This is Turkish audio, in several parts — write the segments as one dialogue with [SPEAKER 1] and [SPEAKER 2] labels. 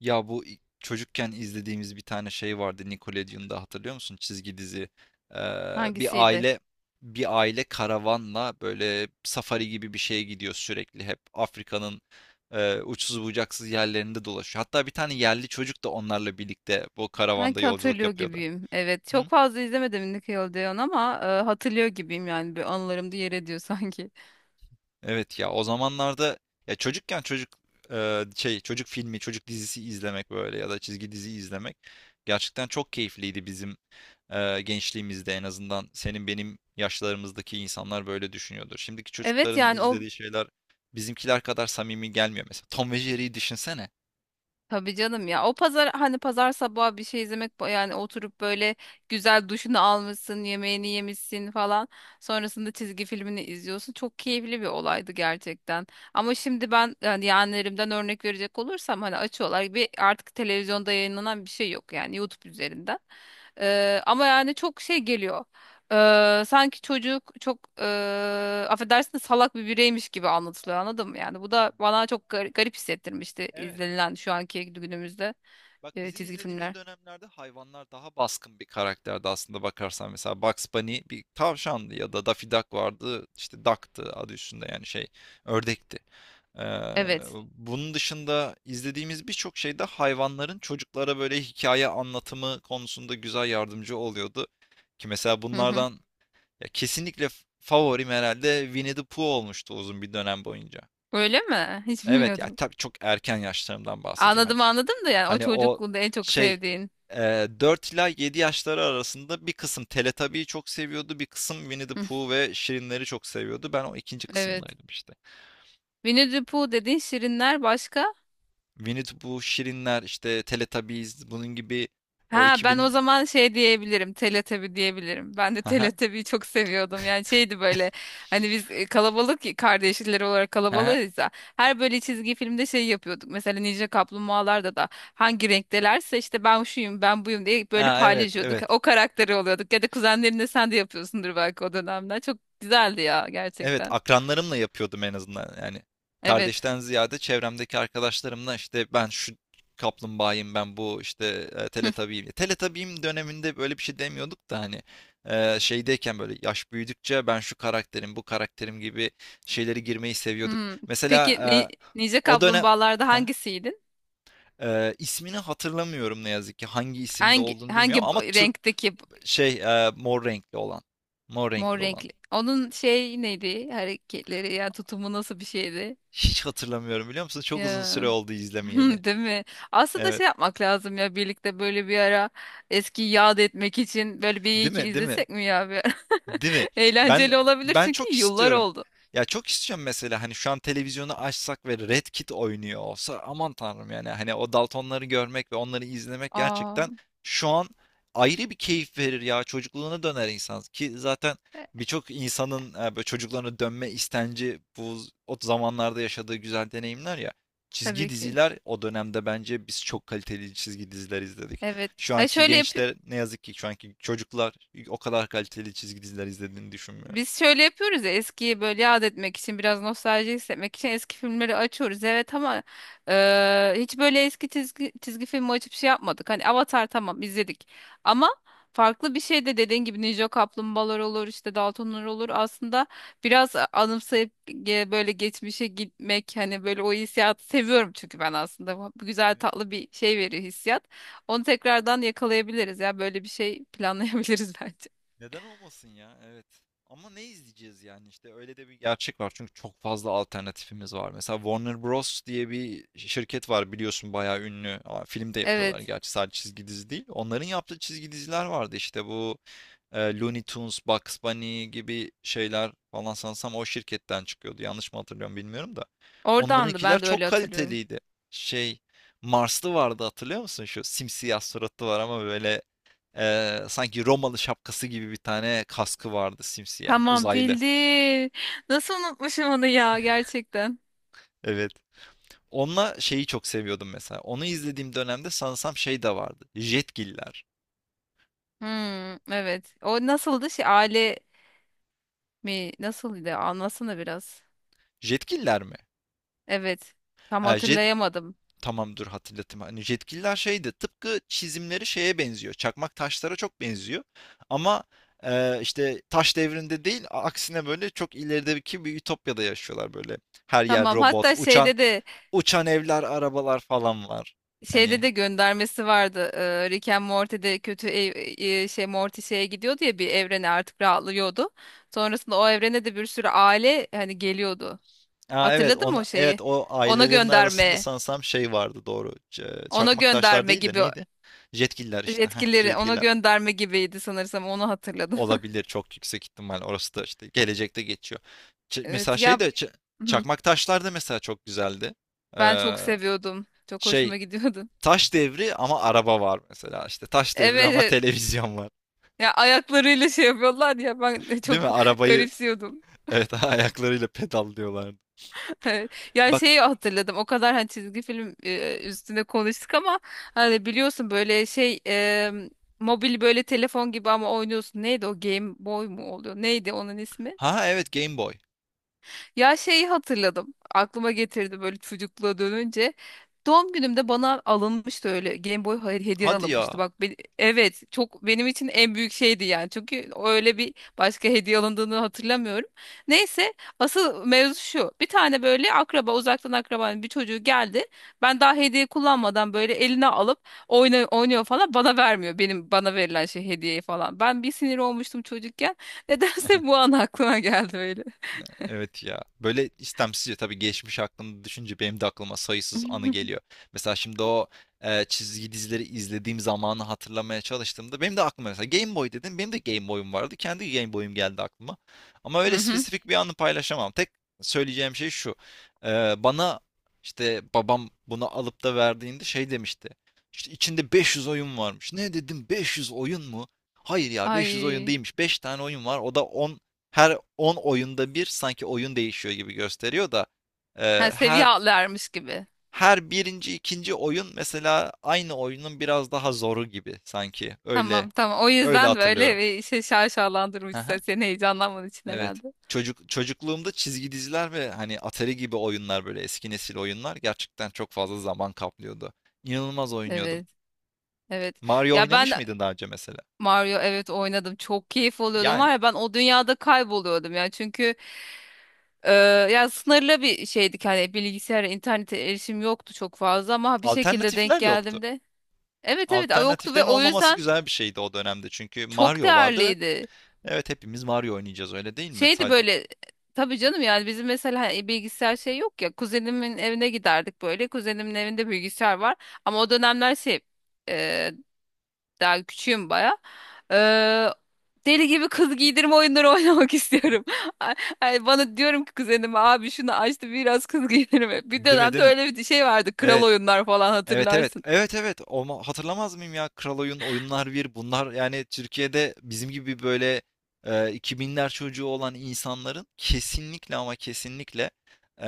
[SPEAKER 1] Ya bu çocukken izlediğimiz bir tane şey vardı Nickelodeon'da, hatırlıyor musun? Çizgi dizi. Ee, bir
[SPEAKER 2] Hangisiydi?
[SPEAKER 1] aile bir aile karavanla böyle safari gibi bir şeye gidiyor sürekli. Hep Afrika'nın uçsuz bucaksız yerlerinde dolaşıyor. Hatta bir tane yerli çocuk da onlarla birlikte bu karavanda
[SPEAKER 2] Sanki
[SPEAKER 1] yolculuk
[SPEAKER 2] hatırlıyor
[SPEAKER 1] yapıyordu.
[SPEAKER 2] gibiyim. Evet,
[SPEAKER 1] Hı?
[SPEAKER 2] çok fazla izlemedim Nickelodeon ama hatırlıyor gibiyim, yani bir anılarımda yer ediyor sanki.
[SPEAKER 1] Evet ya, o zamanlarda ya çocukken çocuk çocuk filmi, çocuk dizisi izlemek, böyle ya da çizgi dizi izlemek gerçekten çok keyifliydi bizim gençliğimizde. En azından senin benim yaşlarımızdaki insanlar böyle düşünüyordur. Şimdiki
[SPEAKER 2] Evet,
[SPEAKER 1] çocukların
[SPEAKER 2] yani o,
[SPEAKER 1] izlediği şeyler bizimkiler kadar samimi gelmiyor mesela. Tom ve Jerry'yi düşünsene.
[SPEAKER 2] tabii canım ya, o pazar, hani pazar sabahı bir şey izlemek, yani oturup böyle güzel duşunu almışsın, yemeğini yemişsin falan. Sonrasında çizgi filmini izliyorsun. Çok keyifli bir olaydı gerçekten. Ama şimdi ben, yani yeğenlerimden örnek verecek olursam, hani açıyorlar, bir artık televizyonda yayınlanan bir şey yok, yani YouTube üzerinden. Ama yani çok şey geliyor. Sanki çocuk çok affedersin de salak bir bireymiş gibi anlatılıyor, anladın mı? Yani bu da bana çok garip hissettirmişti
[SPEAKER 1] Evet.
[SPEAKER 2] izlenilen şu anki günümüzde
[SPEAKER 1] Bak, bizim
[SPEAKER 2] çizgi
[SPEAKER 1] izlediğimiz
[SPEAKER 2] filmler.
[SPEAKER 1] dönemlerde hayvanlar daha baskın bir karakterdi aslında bakarsan. Mesela Bugs Bunny bir tavşandı, ya da Daffy Duck vardı. İşte Duck'tı, adı üstünde, yani şey, ördekti. Ee,
[SPEAKER 2] Evet.
[SPEAKER 1] bunun dışında izlediğimiz birçok şeyde hayvanların çocuklara böyle hikaye anlatımı konusunda güzel yardımcı oluyordu. Ki mesela
[SPEAKER 2] Hı hı.
[SPEAKER 1] bunlardan, ya, kesinlikle favorim herhalde Winnie the Pooh olmuştu uzun bir dönem boyunca.
[SPEAKER 2] Öyle mi? Hiç
[SPEAKER 1] Evet ya,
[SPEAKER 2] bilmiyordum.
[SPEAKER 1] tabii çok erken yaşlarımdan bahsediyorum. Hani.
[SPEAKER 2] Anladım anladım, da yani o
[SPEAKER 1] O
[SPEAKER 2] çocukluğunda en çok
[SPEAKER 1] şey,
[SPEAKER 2] sevdiğin.
[SPEAKER 1] 4 ila 7 yaşları arasında bir kısım Teletubby'yi çok seviyordu. Bir kısım Winnie the
[SPEAKER 2] Hı,
[SPEAKER 1] Pooh ve Şirinleri çok seviyordu. Ben o ikinci
[SPEAKER 2] evet.
[SPEAKER 1] kısımdaydım işte.
[SPEAKER 2] Winnie the Pooh dediğin, şirinler, başka?
[SPEAKER 1] Winnie the Pooh, Şirinler, işte Teletubbies, bunun gibi. O
[SPEAKER 2] Ha, ben o
[SPEAKER 1] 2000...
[SPEAKER 2] zaman şey diyebilirim. Teletabi diyebilirim. Ben de
[SPEAKER 1] Haha,
[SPEAKER 2] Teletabi'yi çok seviyordum. Yani şeydi böyle, hani biz kalabalık ya, kardeşler olarak
[SPEAKER 1] haha.
[SPEAKER 2] kalabalığız ya. Her böyle çizgi filmde şey yapıyorduk. Mesela Ninja Kaplumbağalarda da hangi renktelerse işte, ben şuyum ben buyum diye, böyle
[SPEAKER 1] Ha, evet,
[SPEAKER 2] paylaşıyorduk.
[SPEAKER 1] evet.
[SPEAKER 2] O karakteri oluyorduk. Ya da kuzenlerinde sen de yapıyorsundur belki o dönemden. Çok güzeldi ya
[SPEAKER 1] Evet,
[SPEAKER 2] gerçekten.
[SPEAKER 1] akranlarımla yapıyordum en azından. Yani
[SPEAKER 2] Evet.
[SPEAKER 1] kardeşten ziyade çevremdeki arkadaşlarımla, işte ben şu kaplumbağayım, ben bu işte teletabiyim. Teletabiyim döneminde böyle bir şey demiyorduk da, hani şeydeyken böyle, yaş büyüdükçe, ben şu karakterim, bu karakterim gibi şeyleri girmeyi seviyorduk.
[SPEAKER 2] Hmm.
[SPEAKER 1] Mesela
[SPEAKER 2] Peki ni
[SPEAKER 1] e,
[SPEAKER 2] Ninja
[SPEAKER 1] o dönem.
[SPEAKER 2] Kaplumbağalarda
[SPEAKER 1] Heh.
[SPEAKER 2] hangisiydin?
[SPEAKER 1] İsmini hatırlamıyorum ne yazık ki. Hangi isimde
[SPEAKER 2] Hangi
[SPEAKER 1] olduğunu
[SPEAKER 2] hangi
[SPEAKER 1] bilmiyorum ama
[SPEAKER 2] renkteki?
[SPEAKER 1] şey mor renkli olan. Mor
[SPEAKER 2] Mor
[SPEAKER 1] renkli olan.
[SPEAKER 2] renkli. Onun şey neydi? Hareketleri ya tutumu nasıl bir şeydi?
[SPEAKER 1] Hiç hatırlamıyorum, biliyor musun? Çok uzun süre
[SPEAKER 2] Ya.
[SPEAKER 1] oldu izlemeyeli.
[SPEAKER 2] Değil mi? Aslında
[SPEAKER 1] Evet.
[SPEAKER 2] şey yapmak lazım ya, birlikte böyle bir ara eski yad etmek için, böyle bir
[SPEAKER 1] Değil
[SPEAKER 2] iki
[SPEAKER 1] mi? Değil mi?
[SPEAKER 2] izlesek mi ya bir ara?
[SPEAKER 1] Değil mi? Ben
[SPEAKER 2] Eğlenceli olabilir
[SPEAKER 1] ben çok
[SPEAKER 2] çünkü yıllar
[SPEAKER 1] istiyorum.
[SPEAKER 2] oldu.
[SPEAKER 1] Ya çok istiyorum, mesela hani şu an televizyonu açsak ve Red Kit oynuyor olsa, aman tanrım, yani hani o Daltonları görmek ve onları izlemek
[SPEAKER 2] Aa,
[SPEAKER 1] gerçekten şu an ayrı bir keyif verir ya, çocukluğuna döner insan. Ki zaten
[SPEAKER 2] e,
[SPEAKER 1] birçok insanın böyle çocukluğuna dönme istenci, bu o zamanlarda yaşadığı güzel deneyimler ya. Çizgi
[SPEAKER 2] tabii ki.
[SPEAKER 1] diziler, o dönemde bence biz çok kaliteli çizgi diziler izledik.
[SPEAKER 2] Evet.
[SPEAKER 1] Şu
[SPEAKER 2] Ha
[SPEAKER 1] anki
[SPEAKER 2] şöyle yap.
[SPEAKER 1] gençler, ne yazık ki şu anki çocuklar, o kadar kaliteli çizgi diziler izlediğini düşünmüyorum.
[SPEAKER 2] Biz şöyle yapıyoruz ya, eskiyi böyle yad etmek için, biraz nostalji hissetmek için eski filmleri açıyoruz, evet, ama hiç böyle eski çizgi filmi açıp şey yapmadık. Hani Avatar, tamam, izledik, ama farklı bir şey de, dediğin gibi Ninja Kaplumbağalar olur, işte Daltonlar olur, aslında biraz anımsayıp böyle geçmişe gitmek, hani böyle o hissiyatı seviyorum çünkü ben. Aslında bu güzel tatlı bir şey veriyor, hissiyat, onu tekrardan yakalayabiliriz ya, böyle bir şey planlayabiliriz bence.
[SPEAKER 1] Neden olmasın ya? Evet. Ama ne izleyeceğiz, yani işte öyle de bir gerçek var. Çünkü çok fazla alternatifimiz var. Mesela Warner Bros. Diye bir şirket var, biliyorsun, bayağı ünlü. Aa, film de yapıyorlar
[SPEAKER 2] Evet.
[SPEAKER 1] gerçi, sadece çizgi dizi değil. Onların yaptığı çizgi diziler vardı, işte bu Looney Tunes, Bugs Bunny gibi şeyler falan sanırsam o şirketten çıkıyordu. Yanlış mı hatırlıyorum bilmiyorum da.
[SPEAKER 2] Oradandı,
[SPEAKER 1] Onlarınkiler
[SPEAKER 2] ben de öyle
[SPEAKER 1] çok
[SPEAKER 2] hatırlıyorum.
[SPEAKER 1] kaliteliydi. Şey Marslı vardı, hatırlıyor musun? Şu simsiyah suratlı var, ama böyle sanki Romalı şapkası gibi bir tane kaskı vardı, simsiyah
[SPEAKER 2] Tamam,
[SPEAKER 1] uzaylı.
[SPEAKER 2] bildim. Nasıl unutmuşum onu ya, gerçekten.
[SPEAKER 1] Evet. Onunla şeyi çok seviyordum mesela. Onu izlediğim dönemde sanırsam şey de vardı. Jetgiller.
[SPEAKER 2] Hmm, evet. O nasıldı, şey aile mi, nasılydı, anlasana biraz.
[SPEAKER 1] Jetgiller mi?
[SPEAKER 2] Evet. Tam
[SPEAKER 1] E, jet,
[SPEAKER 2] hatırlayamadım.
[SPEAKER 1] Tamamdır, dur hatırlatayım. Hani yetkililer şeydi, tıpkı çizimleri şeye benziyor. Çakmak taşlara çok benziyor. Ama işte taş devrinde değil, aksine böyle çok ilerideki bir ütopyada yaşıyorlar böyle. Her yer
[SPEAKER 2] Tamam,
[SPEAKER 1] robot,
[SPEAKER 2] hatta
[SPEAKER 1] uçan
[SPEAKER 2] şeyde de,
[SPEAKER 1] uçan evler, arabalar falan var.
[SPEAKER 2] şeyde
[SPEAKER 1] Hani.
[SPEAKER 2] de göndermesi vardı. Rick and Morty'de Morty şeye gidiyordu ya, bir evrene, artık rahatlıyordu. Sonrasında o evrene de bir sürü aile hani geliyordu.
[SPEAKER 1] Aa, evet,
[SPEAKER 2] Hatırladın
[SPEAKER 1] on
[SPEAKER 2] mı o
[SPEAKER 1] evet,
[SPEAKER 2] şeyi?
[SPEAKER 1] o
[SPEAKER 2] Ona
[SPEAKER 1] ailelerin arasında
[SPEAKER 2] gönderme.
[SPEAKER 1] sanırsam şey vardı, doğru.
[SPEAKER 2] Ona
[SPEAKER 1] Çakmak taşlar
[SPEAKER 2] gönderme
[SPEAKER 1] değil de
[SPEAKER 2] gibi.
[SPEAKER 1] neydi? Jetgiller işte. Heh,
[SPEAKER 2] Etkileri ona
[SPEAKER 1] jetgiller.
[SPEAKER 2] gönderme gibiydi sanırsam, onu hatırladım.
[SPEAKER 1] Olabilir, çok yüksek ihtimal. Orası da işte gelecekte geçiyor. Ç- mesela
[SPEAKER 2] Evet
[SPEAKER 1] şey
[SPEAKER 2] ya.
[SPEAKER 1] de Ç-
[SPEAKER 2] Hı,
[SPEAKER 1] Çakmak taşlar da mesela çok güzeldi.
[SPEAKER 2] ben
[SPEAKER 1] Ee,
[SPEAKER 2] çok seviyordum. Çok
[SPEAKER 1] şey
[SPEAKER 2] hoşuma gidiyordu.
[SPEAKER 1] Taş devri ama araba var mesela. İşte taş devri
[SPEAKER 2] Evet
[SPEAKER 1] ama
[SPEAKER 2] evet.
[SPEAKER 1] televizyon var.
[SPEAKER 2] Ya ayaklarıyla şey yapıyorlar ya, ben
[SPEAKER 1] Değil mi?
[SPEAKER 2] çok
[SPEAKER 1] Arabayı,
[SPEAKER 2] garipsiyordum.
[SPEAKER 1] evet ayaklarıyla pedallıyorlardı.
[SPEAKER 2] Evet. Ya
[SPEAKER 1] Bak.
[SPEAKER 2] şeyi hatırladım, o kadar hani çizgi film üstüne konuştuk ama, hani biliyorsun böyle şey, mobil böyle telefon gibi ama oynuyorsun. Neydi o, Game Boy mu oluyor? Neydi onun ismi?
[SPEAKER 1] Ha, evet, Game Boy.
[SPEAKER 2] Ya şeyi hatırladım. Aklıma getirdi, böyle çocukluğa dönünce. Doğum günümde bana alınmıştı öyle, Game Boy, hayır, hediye
[SPEAKER 1] Hadi
[SPEAKER 2] alınmıştı.
[SPEAKER 1] ya.
[SPEAKER 2] Bak ben, evet, çok benim için en büyük şeydi yani. Çünkü öyle bir başka hediye alındığını hatırlamıyorum. Neyse, asıl mevzu şu. Bir tane böyle akraba, uzaktan akrabanın bir çocuğu geldi. Ben daha hediye kullanmadan böyle eline alıp oynuyor falan, bana vermiyor. Benim bana verilen şey, hediyeyi falan. Ben bir sinir olmuştum çocukken. Nedense bu an aklıma geldi öyle.
[SPEAKER 1] Evet ya. Böyle istemsizce tabii, geçmiş aklımda düşünce benim de aklıma sayısız anı geliyor. Mesela şimdi o çizgi dizileri izlediğim zamanı hatırlamaya çalıştığımda benim de aklıma, mesela, Game Boy dedim. Benim de Game Boy'um vardı. Kendi Game Boy'um geldi aklıma. Ama
[SPEAKER 2] Hı
[SPEAKER 1] öyle
[SPEAKER 2] hı.
[SPEAKER 1] spesifik bir anı paylaşamam. Tek söyleyeceğim şey şu. Bana, işte babam bunu alıp da verdiğinde şey demişti. İşte içinde 500 oyun varmış. Ne dedim, 500 oyun mu? Hayır ya, 500 oyun
[SPEAKER 2] Ay.
[SPEAKER 1] değilmiş. Beş tane oyun var. O da, her 10 oyunda bir sanki oyun değişiyor gibi gösteriyor da
[SPEAKER 2] Ha,
[SPEAKER 1] e,
[SPEAKER 2] seviye
[SPEAKER 1] her
[SPEAKER 2] atlarmış gibi.
[SPEAKER 1] her birinci, ikinci oyun mesela aynı oyunun biraz daha zoru gibi sanki. öyle
[SPEAKER 2] Tamam tamam. O
[SPEAKER 1] öyle
[SPEAKER 2] yüzden böyle
[SPEAKER 1] hatırlıyorum.
[SPEAKER 2] bir şey şaşalandırmış,
[SPEAKER 1] Aha,
[SPEAKER 2] seni heyecanlanman için
[SPEAKER 1] evet.
[SPEAKER 2] herhalde.
[SPEAKER 1] Çocukluğumda çizgi diziler ve hani Atari gibi oyunlar, böyle eski nesil oyunlar, gerçekten çok fazla zaman kaplıyordu. İnanılmaz oynuyordum.
[SPEAKER 2] Evet. Evet.
[SPEAKER 1] Mario
[SPEAKER 2] Ya ben,
[SPEAKER 1] oynamış mıydın daha önce, mesela?
[SPEAKER 2] Mario, evet, oynadım. Çok keyif alıyordum
[SPEAKER 1] Yani
[SPEAKER 2] var ya, ben o dünyada kayboluyordum ya. Çünkü e, ya sınırlı bir şeydik, hani bilgisayara internete erişim yoktu çok fazla, ama bir şekilde denk
[SPEAKER 1] alternatifler yoktu.
[SPEAKER 2] geldim de. Evet evet, yoktu ve
[SPEAKER 1] Alternatiflerin
[SPEAKER 2] o
[SPEAKER 1] olmaması
[SPEAKER 2] yüzden
[SPEAKER 1] güzel bir şeydi o dönemde, çünkü
[SPEAKER 2] çok
[SPEAKER 1] Mario vardı ve
[SPEAKER 2] değerliydi.
[SPEAKER 1] evet, hepimiz Mario oynayacağız, öyle değil mi?
[SPEAKER 2] Şeydi
[SPEAKER 1] Sadece.
[SPEAKER 2] böyle, tabii canım, yani bizim mesela, hani bilgisayar şey yok ya, kuzenimin evine giderdik, böyle kuzenimin evinde bilgisayar var, ama o dönemler şey, e, daha küçüğüm baya. E, Deli gibi kız giydirme oyunları oynamak istiyorum. Ay- Ay, bana diyorum ki kuzenime, abi şunu açtı, biraz kız giydirme. Bir
[SPEAKER 1] Değil mi,
[SPEAKER 2] dönemde
[SPEAKER 1] değil mi?
[SPEAKER 2] öyle bir şey vardı, kral
[SPEAKER 1] Evet.
[SPEAKER 2] oyunlar falan,
[SPEAKER 1] Evet, evet.
[SPEAKER 2] hatırlarsın.
[SPEAKER 1] Evet, evet. Olma, hatırlamaz mıyım ya? Kral Oyunlar, bir, bunlar, yani Türkiye'de bizim gibi böyle 2000'ler çocuğu olan insanların kesinlikle ama kesinlikle e,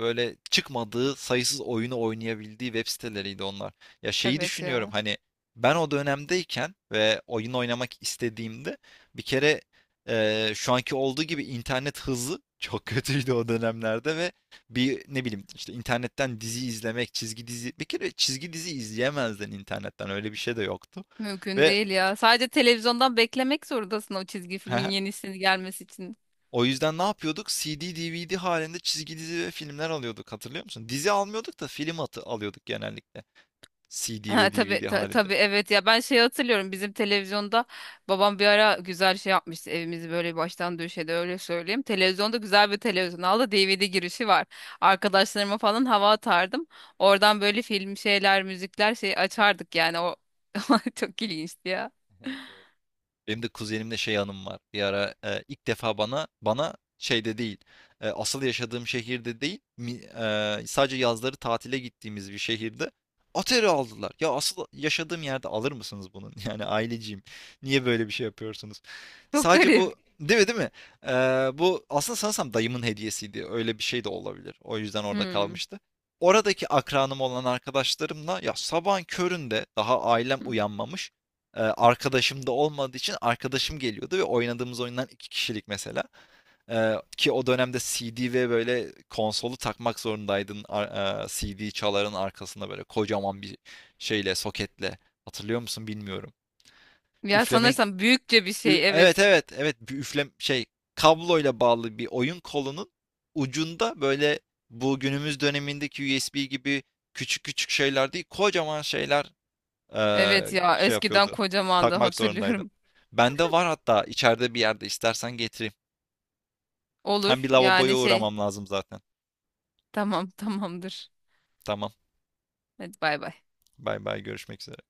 [SPEAKER 1] böyle çıkmadığı sayısız oyunu oynayabildiği web siteleriydi onlar. Ya şeyi
[SPEAKER 2] Evet
[SPEAKER 1] düşünüyorum,
[SPEAKER 2] ya.
[SPEAKER 1] hani ben o dönemdeyken ve oyun oynamak istediğimde, bir kere şu anki olduğu gibi internet hızı çok kötüydü o dönemlerde ve bir, ne bileyim, işte internetten dizi izlemek, çizgi dizi, bir kere çizgi dizi izleyemezdin internetten, öyle bir şey de yoktu.
[SPEAKER 2] Mümkün
[SPEAKER 1] Ve
[SPEAKER 2] değil ya. Sadece televizyondan beklemek zorundasın o çizgi filmin yenisini gelmesi için.
[SPEAKER 1] o yüzden ne yapıyorduk? CD, DVD halinde çizgi dizi ve filmler alıyorduk, hatırlıyor musun? Dizi almıyorduk da film atı alıyorduk genellikle. CD
[SPEAKER 2] Ha,
[SPEAKER 1] ve
[SPEAKER 2] tabii,
[SPEAKER 1] DVD halinde.
[SPEAKER 2] tabii, evet ya, ben şey hatırlıyorum, bizim televizyonda babam bir ara güzel şey yapmıştı, evimizi böyle baştan döşedi, öyle söyleyeyim. Televizyonda, güzel bir televizyon aldı, DVD girişi var. Arkadaşlarıma falan hava atardım. Oradan böyle film şeyler, müzikler şey açardık, yani o çok ilginçti ya.
[SPEAKER 1] Evet, evet. Benim de kuzenimle şey anım var. Bir ara ilk defa bana şeyde değil, asıl yaşadığım şehirde değil, sadece yazları tatile gittiğimiz bir şehirde Atari aldılar. Ya, asıl yaşadığım yerde alır mısınız bunun? Yani aileciyim. Niye böyle bir şey yapıyorsunuz?
[SPEAKER 2] Çok
[SPEAKER 1] Sadece
[SPEAKER 2] garip.
[SPEAKER 1] bu, değil mi, değil mi? E, bu aslında sanırsam dayımın hediyesiydi. Öyle bir şey de olabilir. O yüzden orada
[SPEAKER 2] Hmm.
[SPEAKER 1] kalmıştı. Oradaki akranım olan arkadaşlarımla, ya, sabahın köründe daha ailem uyanmamış. Arkadaşım da olmadığı için, arkadaşım geliyordu ve oynadığımız oyundan 2 kişilik mesela. Ki o dönemde CD ve böyle konsolu takmak zorundaydın. CD çaların arkasında böyle kocaman bir şeyle, soketle. Hatırlıyor musun bilmiyorum.
[SPEAKER 2] Ya
[SPEAKER 1] Üflemek.
[SPEAKER 2] sanırsam büyükçe bir şey,
[SPEAKER 1] Evet,
[SPEAKER 2] evet.
[SPEAKER 1] evet, evet, bir üflem kabloyla bağlı bir oyun kolunun ucunda böyle, bu günümüz dönemindeki USB gibi küçük küçük şeyler değil, kocaman şeyler,
[SPEAKER 2] Evet ya, eskiden
[SPEAKER 1] yapıyordu.
[SPEAKER 2] kocamandı,
[SPEAKER 1] Takmak zorundaydı.
[SPEAKER 2] hatırlıyorum.
[SPEAKER 1] Bende var hatta, içeride bir yerde, istersen getireyim. Hem bir
[SPEAKER 2] Olur,
[SPEAKER 1] lavaboya
[SPEAKER 2] yani şey,
[SPEAKER 1] uğramam lazım zaten.
[SPEAKER 2] tamam, tamamdır.
[SPEAKER 1] Tamam.
[SPEAKER 2] Hadi bay bay.
[SPEAKER 1] Bay bay, görüşmek üzere.